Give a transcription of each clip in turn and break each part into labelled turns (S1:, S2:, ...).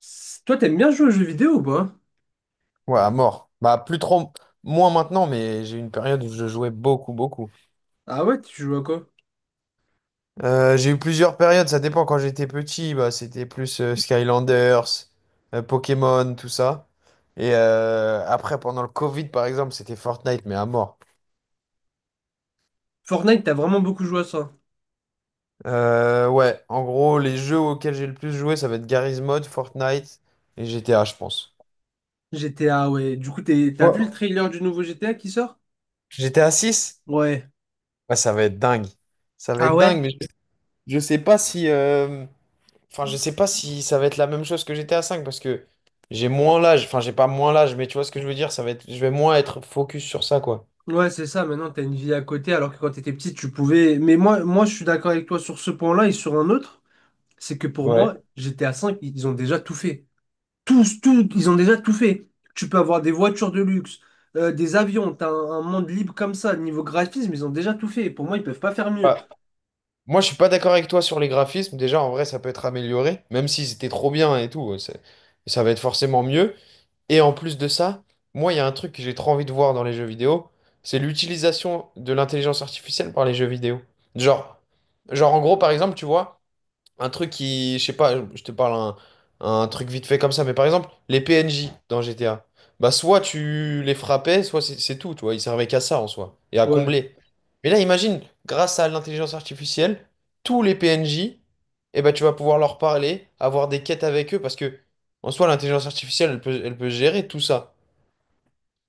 S1: Toi, t'aimes bien jouer aux jeux vidéo ou pas?
S2: Ouais, à mort. Bah, plus trop, moins maintenant, mais j'ai eu une période où je jouais beaucoup, beaucoup.
S1: Ah ouais, tu joues à quoi?
S2: J'ai eu plusieurs périodes, ça dépend. Quand j'étais petit, bah, c'était plus Skylanders, Pokémon, tout ça. Et après, pendant le Covid, par exemple, c'était Fortnite, mais à mort.
S1: Fortnite, t'as vraiment beaucoup joué à ça.
S2: Ouais, en gros, les jeux auxquels j'ai le plus joué, ça va être Garry's Mod, Fortnite et GTA, je pense.
S1: GTA, ouais. Du coup, t'as
S2: Toi,
S1: vu le trailer du nouveau GTA qui sort?
S2: GTA 6.
S1: Ouais.
S2: Ouais, ça va être dingue. Ça va
S1: Ah
S2: être dingue,
S1: ouais?
S2: mais je sais pas si, enfin, je sais pas si ça va être la même chose que GTA 5 parce que j'ai moins l'âge. Enfin, j'ai pas moins l'âge, mais tu vois ce que je veux dire, ça va être, je vais moins être focus sur ça, quoi.
S1: Ouais, c'est ça. Maintenant, t'as une vie à côté, alors que quand t'étais petit, tu pouvais. Mais moi, je suis d'accord avec toi sur ce point-là et sur un autre. C'est que pour
S2: Ouais.
S1: moi, GTA 5, ils ont déjà tout fait. Tous, ils ont déjà tout fait. Tu peux avoir des voitures de luxe, des avions, t'as un monde libre comme ça. Niveau graphisme, ils ont déjà tout fait. Pour moi, ils peuvent pas faire mieux.
S2: Ah, moi, je suis pas d'accord avec toi sur les graphismes. Déjà, en vrai, ça peut être amélioré, même s'ils étaient trop bien et tout. Ça va être forcément mieux. Et en plus de ça, moi, il y a un truc que j'ai trop envie de voir dans les jeux vidéo, c'est l'utilisation de l'intelligence artificielle par les jeux vidéo. Genre, genre, en gros, par exemple, tu vois. Un truc qui, je sais pas, je te parle un truc vite fait comme ça, mais par exemple, les PNJ dans GTA, bah soit tu les frappais, soit c'est tout, tu vois, ils servaient qu'à ça en soi, et à
S1: Ouais.
S2: combler. Mais là, imagine, grâce à l'intelligence artificielle, tous les PNJ, eh ben, tu vas pouvoir leur parler, avoir des quêtes avec eux, parce que en soi, l'intelligence artificielle, elle peut gérer tout ça,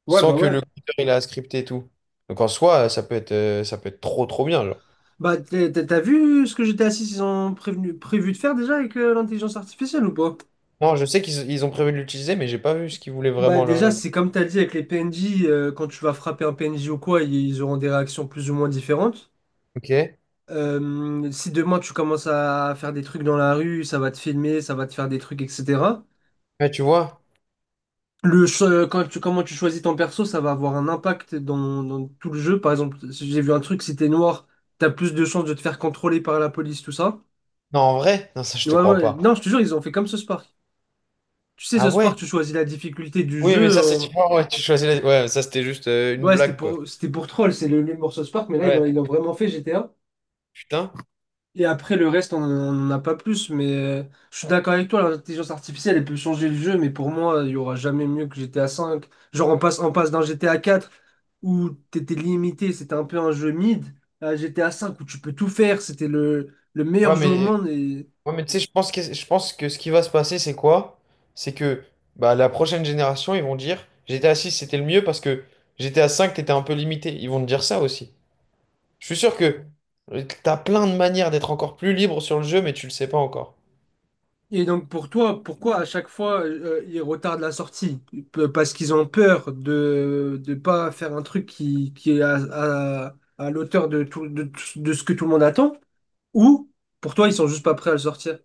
S2: sans que
S1: Ouais.
S2: le codeur, il a scripté et tout. Donc en soi, ça peut être trop trop bien, genre.
S1: Bah, t'as vu ce que j'étais assis ils ont prévu de faire déjà avec l'intelligence artificielle ou pas?
S2: Non, je sais qu'ils ont prévu de l'utiliser, mais j'ai pas vu ce qu'ils voulaient
S1: Bah,
S2: vraiment
S1: déjà,
S2: là.
S1: c'est comme t'as dit avec les PNJ, quand tu vas frapper un PNJ ou quoi, ils auront des réactions plus ou moins différentes.
S2: Ok.
S1: Si demain tu commences à faire des trucs dans la rue, ça va te filmer, ça va te faire des trucs, etc.
S2: Ouais, tu vois?
S1: Le, cho- quand tu, comment tu choisis ton perso, ça va avoir un impact dans tout le jeu. Par exemple, si j'ai vu un truc, si t'es noir, t'as plus de chances de te faire contrôler par la police, tout ça.
S2: Non, en vrai? Non, ça, je te
S1: Ouais,
S2: crois
S1: ouais.
S2: pas.
S1: Non, je te jure, ils ont fait comme ce Spark. Tu sais,
S2: Ah
S1: ce
S2: ouais?
S1: Park, tu choisis la difficulté du
S2: Oui, mais
S1: jeu.
S2: ça, c'est
S1: en-
S2: différent. Ouais, tu choisis la, ouais, ça, c'était juste une
S1: Ouais,
S2: blague, quoi.
S1: c'était pour troll, c'est le nul Source Park, mais là,
S2: Ouais.
S1: ils l'ont vraiment fait GTA.
S2: Putain.
S1: Et après, le reste, on n'en a pas plus. Mais je suis d'accord avec toi, l'intelligence artificielle, elle peut changer le jeu, mais pour moi, il y aura jamais mieux que GTA 5. Genre, on passe d'un GTA 4 où t'étais limité, c'était un peu un jeu mid, à GTA 5 où tu peux tout faire, c'était le meilleur
S2: Ouais,
S1: jeu au
S2: mais,
S1: monde. Et
S2: ouais, mais tu sais, je pense que ce qui va se passer, c'est quoi? C'est que bah, la prochaine génération, ils vont dire GTA 6 c'était le mieux parce que GTA 5 t'étais un peu limité. Ils vont te dire ça aussi. Je suis sûr que t'as plein de manières d'être encore plus libre sur le jeu, mais tu le sais pas encore.
S1: Et donc pour toi, pourquoi à chaque fois ils retardent la sortie? Pe- Parce qu'ils ont peur de ne pas faire un truc qui est à- à l'auteur de ce que tout le monde attend? Ou pour toi, ils sont juste pas prêts à le sortir?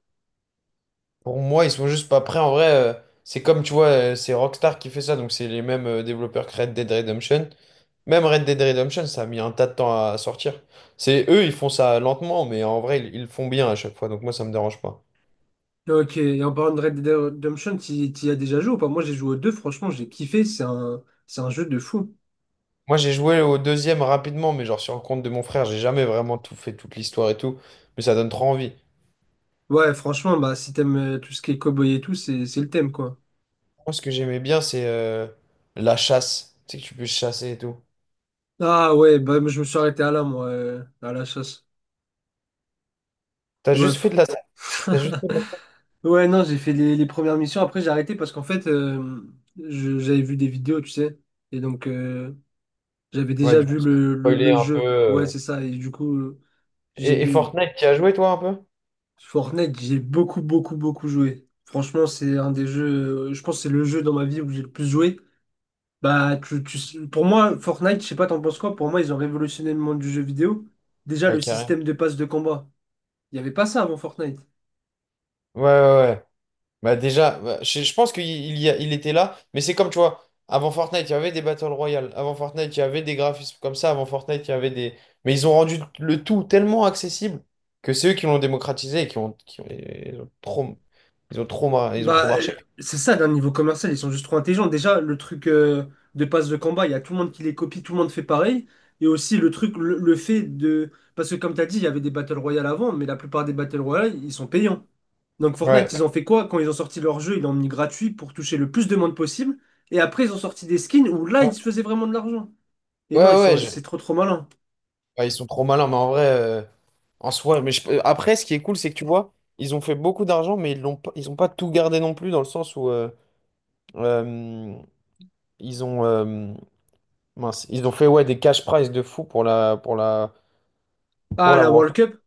S2: Pour moi, ils sont juste pas prêts. En vrai, c'est comme tu vois, c'est Rockstar qui fait ça, donc c'est les mêmes développeurs que Red Dead Redemption. Même Red Dead Redemption, ça a mis un tas de temps à sortir. C'est eux, ils font ça lentement, mais en vrai, ils le font bien à chaque fois, donc moi, ça me dérange pas.
S1: Bah, ok, et en parlant de Red Dead Redemption, t'y y as déjà joué ou pas? Moi j'ai joué aux deux, franchement j'ai kiffé, c'est un jeu de fou.
S2: Moi, j'ai joué au deuxième rapidement, mais genre sur le compte de mon frère, j'ai jamais vraiment tout fait, toute l'histoire et tout, mais ça donne trop envie.
S1: Ouais, franchement, bah si t'aimes tout ce qui est cowboy et tout, c'est le thème quoi.
S2: Moi, ce que j'aimais bien, c'est la chasse. Tu sais que tu peux chasser et tout.
S1: Ah ouais, bah je me suis arrêté à là moi, à la chasse.
S2: T'as
S1: Ouais,
S2: juste fait
S1: fou.
S2: de la... T'as juste fait de la...
S1: Ouais, non, j'ai fait les premières missions. Après, j'ai arrêté parce qu'en fait, j'avais vu des vidéos, tu sais. Et donc, j'avais
S2: Ouais,
S1: déjà
S2: du coup,
S1: vu
S2: spoiler
S1: le
S2: un peu.
S1: jeu. Ouais, c'est ça. Et du coup, j'ai
S2: Et
S1: vu
S2: Fortnite, tu as joué toi un peu?
S1: Fortnite, j'ai beaucoup, beaucoup, beaucoup joué. Franchement, c'est un des jeux, je pense que c'est le jeu dans ma vie où j'ai le plus joué. Bah, pour moi, Fortnite, je sais pas, t'en penses quoi? Pour moi, ils ont révolutionné le monde du jeu vidéo. Déjà,
S2: Ouais,
S1: le
S2: carrément.
S1: système de passe de combat. Il n'y avait pas ça avant Fortnite.
S2: Ouais, ouais, ouais. Bah déjà, bah, je pense qu'il il y a- il était là, mais c'est comme, tu vois, avant Fortnite, il y avait des Battle Royale, avant Fortnite, il y avait des graphismes comme ça, avant Fortnite, il y avait des... Mais ils ont rendu le tout tellement accessible que c'est eux qui l'ont démocratisé et qui ont, qui ont, ils ont trop, mar- ils ont trop
S1: Bah,
S2: marché.
S1: c'est ça, d'un niveau commercial, ils sont juste trop intelligents. Déjà, le truc de passe de combat il y a tout le monde qui les copie, tout le monde fait pareil. Et aussi le truc, le fait de... Parce que comme tu as dit, il y avait des Battle Royale avant, mais la plupart des Battle Royale, ils sont payants. Donc
S2: Ouais.
S1: Fortnite, ils ont fait quoi? Quand ils ont sorti leur jeu, ils l'ont mis gratuit pour toucher le plus de monde possible. Et après, ils ont sorti des skins où là,
S2: Ouais,
S1: ils se faisaient vraiment de l'argent. Et non, ils
S2: ouais, ouais,
S1: sont... c'est trop trop malin.
S2: ouais, ils sont trop malins, mais en vrai, en soi, après, ce qui est cool, c'est que tu vois, ils ont fait beaucoup d'argent, mais ils ont pas tout gardé non plus, dans le sens où... euh, ils ont, euh, Mince, ils ont fait ouais, des cash prize de fou pour la, pour la, pour
S1: Ah,
S2: la
S1: la
S2: World
S1: World
S2: Cup.
S1: Cup.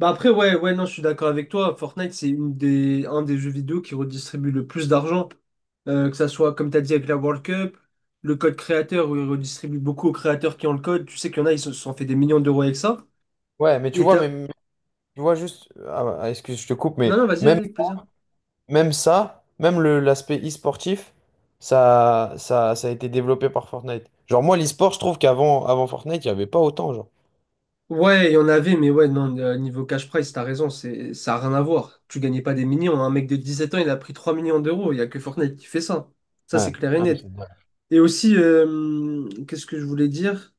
S1: Bah après, ouais, ouais, non, je suis d'accord avec toi. Fortnite, c'est un des jeux vidéo qui redistribue le plus d'argent. Que ça soit, comme tu as dit, avec la World Cup, le code créateur, où il redistribue beaucoup aux créateurs qui ont le code. Tu sais qu'il y en a, ils se sont fait des millions d'euros avec ça.
S2: Ouais, mais tu
S1: Et
S2: vois, mais
S1: t'as...
S2: mais tu vois juste, excuse, je te coupe,
S1: Non,
S2: mais
S1: non, vas-y, vas-y,
S2: même,
S1: avec plaisir.
S2: même ça, même le, l'aspect e-sportif, ça a été développé par Fortnite. Genre, moi, l'e-sport, je trouve qu'avant Fortnite, il n'y avait pas autant, genre.
S1: Ouais, il y en avait, mais ouais, non, niveau cash prize, t'as raison, ça a rien à voir. Tu gagnais pas des millions. Un mec de 17 ans, il a pris 3 millions d'euros. Il y a que Fortnite qui fait ça. Ça, c'est
S2: Ouais,
S1: clair et
S2: ouais, c'est
S1: net.
S2: vrai.
S1: Et aussi, qu'est-ce que je voulais dire?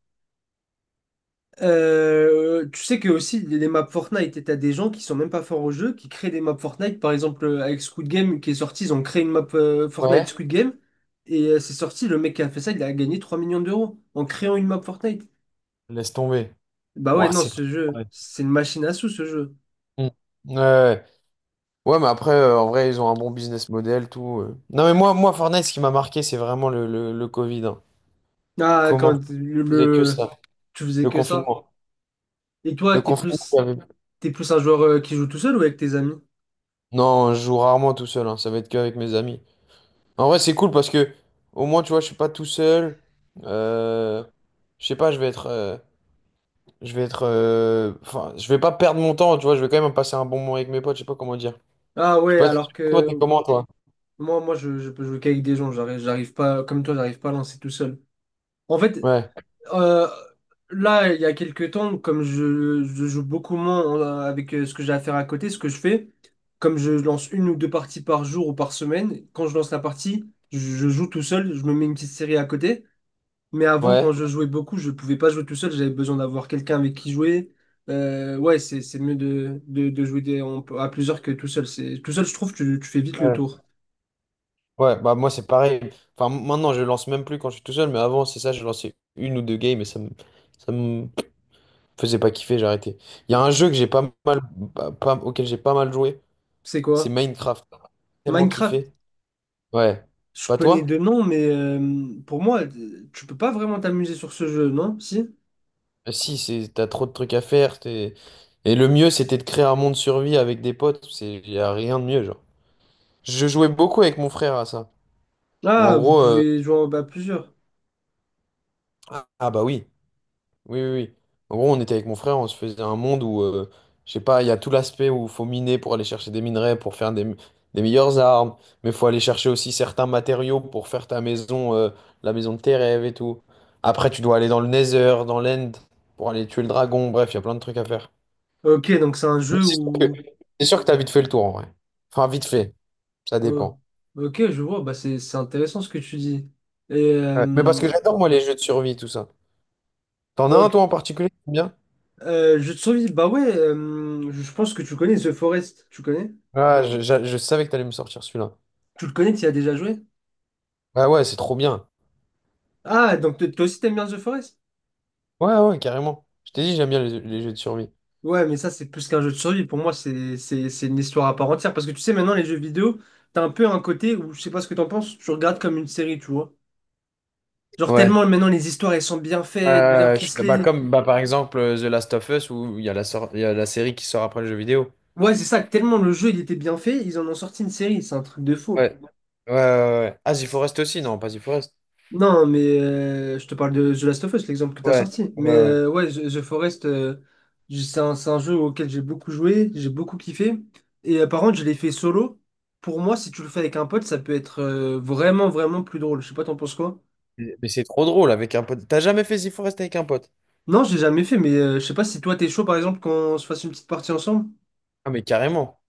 S1: Tu sais que aussi les maps Fortnite, t'as des gens qui sont même pas forts au jeu, qui créent des maps Fortnite. Par exemple, avec Squid Game qui est sorti, ils ont créé une map Fortnite
S2: Ouais.
S1: Squid Game. Et c'est sorti, le mec qui a fait ça, il a gagné 3 millions d'euros en créant une map Fortnite.
S2: Laisse tomber.
S1: Bah ouais,
S2: Ouah,
S1: non,
S2: c'est...
S1: ce jeu,
S2: Ouais.
S1: c'est une machine à sous ce jeu.
S2: Mm. Ouais, ouais. Ouais, mais après, en vrai, ils ont un bon business model, tout. Non, mais moi, Fortnite, ce qui m'a marqué, c'est vraiment le Covid. Hein.
S1: Ah,
S2: Comment
S1: quand
S2: je faisais que ça?
S1: tu faisais
S2: Le
S1: que ça.
S2: confinement.
S1: Et toi,
S2: Le confinement. Il y avait...
S1: t'es plus un joueur qui joue tout seul ou avec tes amis?
S2: Non, je joue rarement tout seul, hein, ça va être qu'avec mes amis. En vrai, c'est cool parce que au moins, tu vois, je suis pas tout seul. Euh, Je sais pas, je vais être. Je vais être. Enfin, je vais pas perdre mon temps, tu vois. Je vais quand même passer un bon moment avec mes potes. Je sais pas comment dire.
S1: Ah
S2: Je sais
S1: ouais,
S2: pas si
S1: alors
S2: toi, t'es
S1: que
S2: comment, toi?
S1: moi, je peux jouer qu'avec des gens. J'arrive pas, comme toi, j'arrive pas à lancer tout seul. En fait,
S2: Ouais.
S1: Euh, là, il y a quelques temps, comme je joue beaucoup moins avec ce que j'ai à faire à côté, ce que je fais, comme je lance une ou deux parties par jour ou par semaine, quand je lance la partie, je joue tout seul, je me mets une petite série à côté. Mais avant, quand
S2: Ouais.
S1: je jouais beaucoup, je pouvais pas jouer tout seul, j'avais besoin d'avoir quelqu'un avec qui jouer. Ouais, c'est mieux de jouer à plusieurs que tout seul. C'est, tout seul, je trouve, tu fais vite le
S2: Ouais.
S1: tour.
S2: Ouais, bah moi, c'est pareil. Enfin, maintenant, je lance même plus quand je suis tout seul, mais avant, c'est ça, je lançais une ou deux games et ça me faisait pas kiffer, j'ai arrêté. Il y a un jeu que j'ai pas mal, pas- pas- auquel j'ai pas mal joué.
S1: C'est
S2: C'est
S1: quoi?
S2: Minecraft, t'as tellement
S1: Minecraft?
S2: kiffé. Ouais.
S1: Je
S2: Pas
S1: connais
S2: toi?
S1: deux noms, mais pour moi, tu peux pas vraiment t'amuser sur ce jeu, non? Si?
S2: Si, c'est t'as trop de trucs à faire. Et le mieux, c'était de créer un monde survie avec des potes. C'est y a rien de mieux, genre. Je jouais beaucoup avec mon frère à ça. Ou en
S1: Ah, vous
S2: gros,
S1: pouvez jouer à plusieurs.
S2: ah ah bah oui. Oui, oui, oui. En gros, on était avec mon frère, on se faisait un monde où, je sais pas, il y a tout l'aspect où il faut miner pour aller chercher des minerais, pour faire des meilleures armes, mais il faut aller chercher aussi certains matériaux pour faire ta maison, la maison de tes rêves et tout. Après, tu dois aller dans le Nether, dans l'End, pour aller tuer le dragon, bref, il y a plein de trucs à faire.
S1: Ok, donc c'est un
S2: Mais
S1: jeu où...
S2: c'est sûr que t'as vite fait le tour, en vrai. Enfin, vite fait, ça
S1: Oh,
S2: dépend.
S1: ok, je vois, bah c'est intéressant ce que tu dis. Et...
S2: Ouais. Mais parce que j'adore, moi, les jeux de survie, tout ça. T'en as un,
S1: Ok,
S2: toi, en particulier, qui t'aime bien?
S1: jeu de survie, bah ouais, je pense que tu connais The Forest, tu connais?
S2: Ah, je savais que t'allais me sortir celui-là.
S1: Tu le connais, tu y as déjà joué?
S2: Ah ouais, c'est trop bien.
S1: Ah, donc toi aussi t'aimes bien The Forest?
S2: Ouais, ouais, carrément. Je t'ai dit, j'aime bien les jeux de survie.
S1: Ouais, mais ça, c'est plus qu'un jeu de survie. Pour moi, c'est une histoire à part entière. Parce que tu sais, maintenant, les jeux vidéo, t'as un peu un côté où, je sais pas ce que t'en penses, tu regardes comme une série, tu vois. Genre,
S2: Ouais.
S1: tellement maintenant, les histoires, elles sont bien faites, bien
S2: Bah,
S1: ficelées.
S2: comme bah, par exemple The Last of Us où il y a la série qui sort après le jeu vidéo.
S1: Ouais, c'est ça, tellement le jeu, il était bien fait, ils en ont sorti une série. C'est un truc de fou.
S2: Ouais. Ouais, ouais, ouais. Ah, The Forest aussi, non, pas The Forest.
S1: Non, mais je te parle de The Last of Us, l'exemple que tu as
S2: Ouais,
S1: sorti.
S2: ouais,
S1: Mais
S2: ouais.
S1: ouais, The Forest, c'est un jeu auquel j'ai beaucoup joué, j'ai beaucoup kiffé. Et par contre, je l'ai fait solo. Pour moi, si tu le fais avec un pote, ça peut être vraiment, vraiment plus drôle. Je sais pas, t'en penses quoi?
S2: Mais c'est trop drôle avec un pote. T'as jamais fait The Forest avec un pote?
S1: Non, j'ai jamais fait, mais je sais pas si toi, t'es chaud, par exemple, qu'on se fasse une petite partie ensemble.
S2: Ah, mais carrément.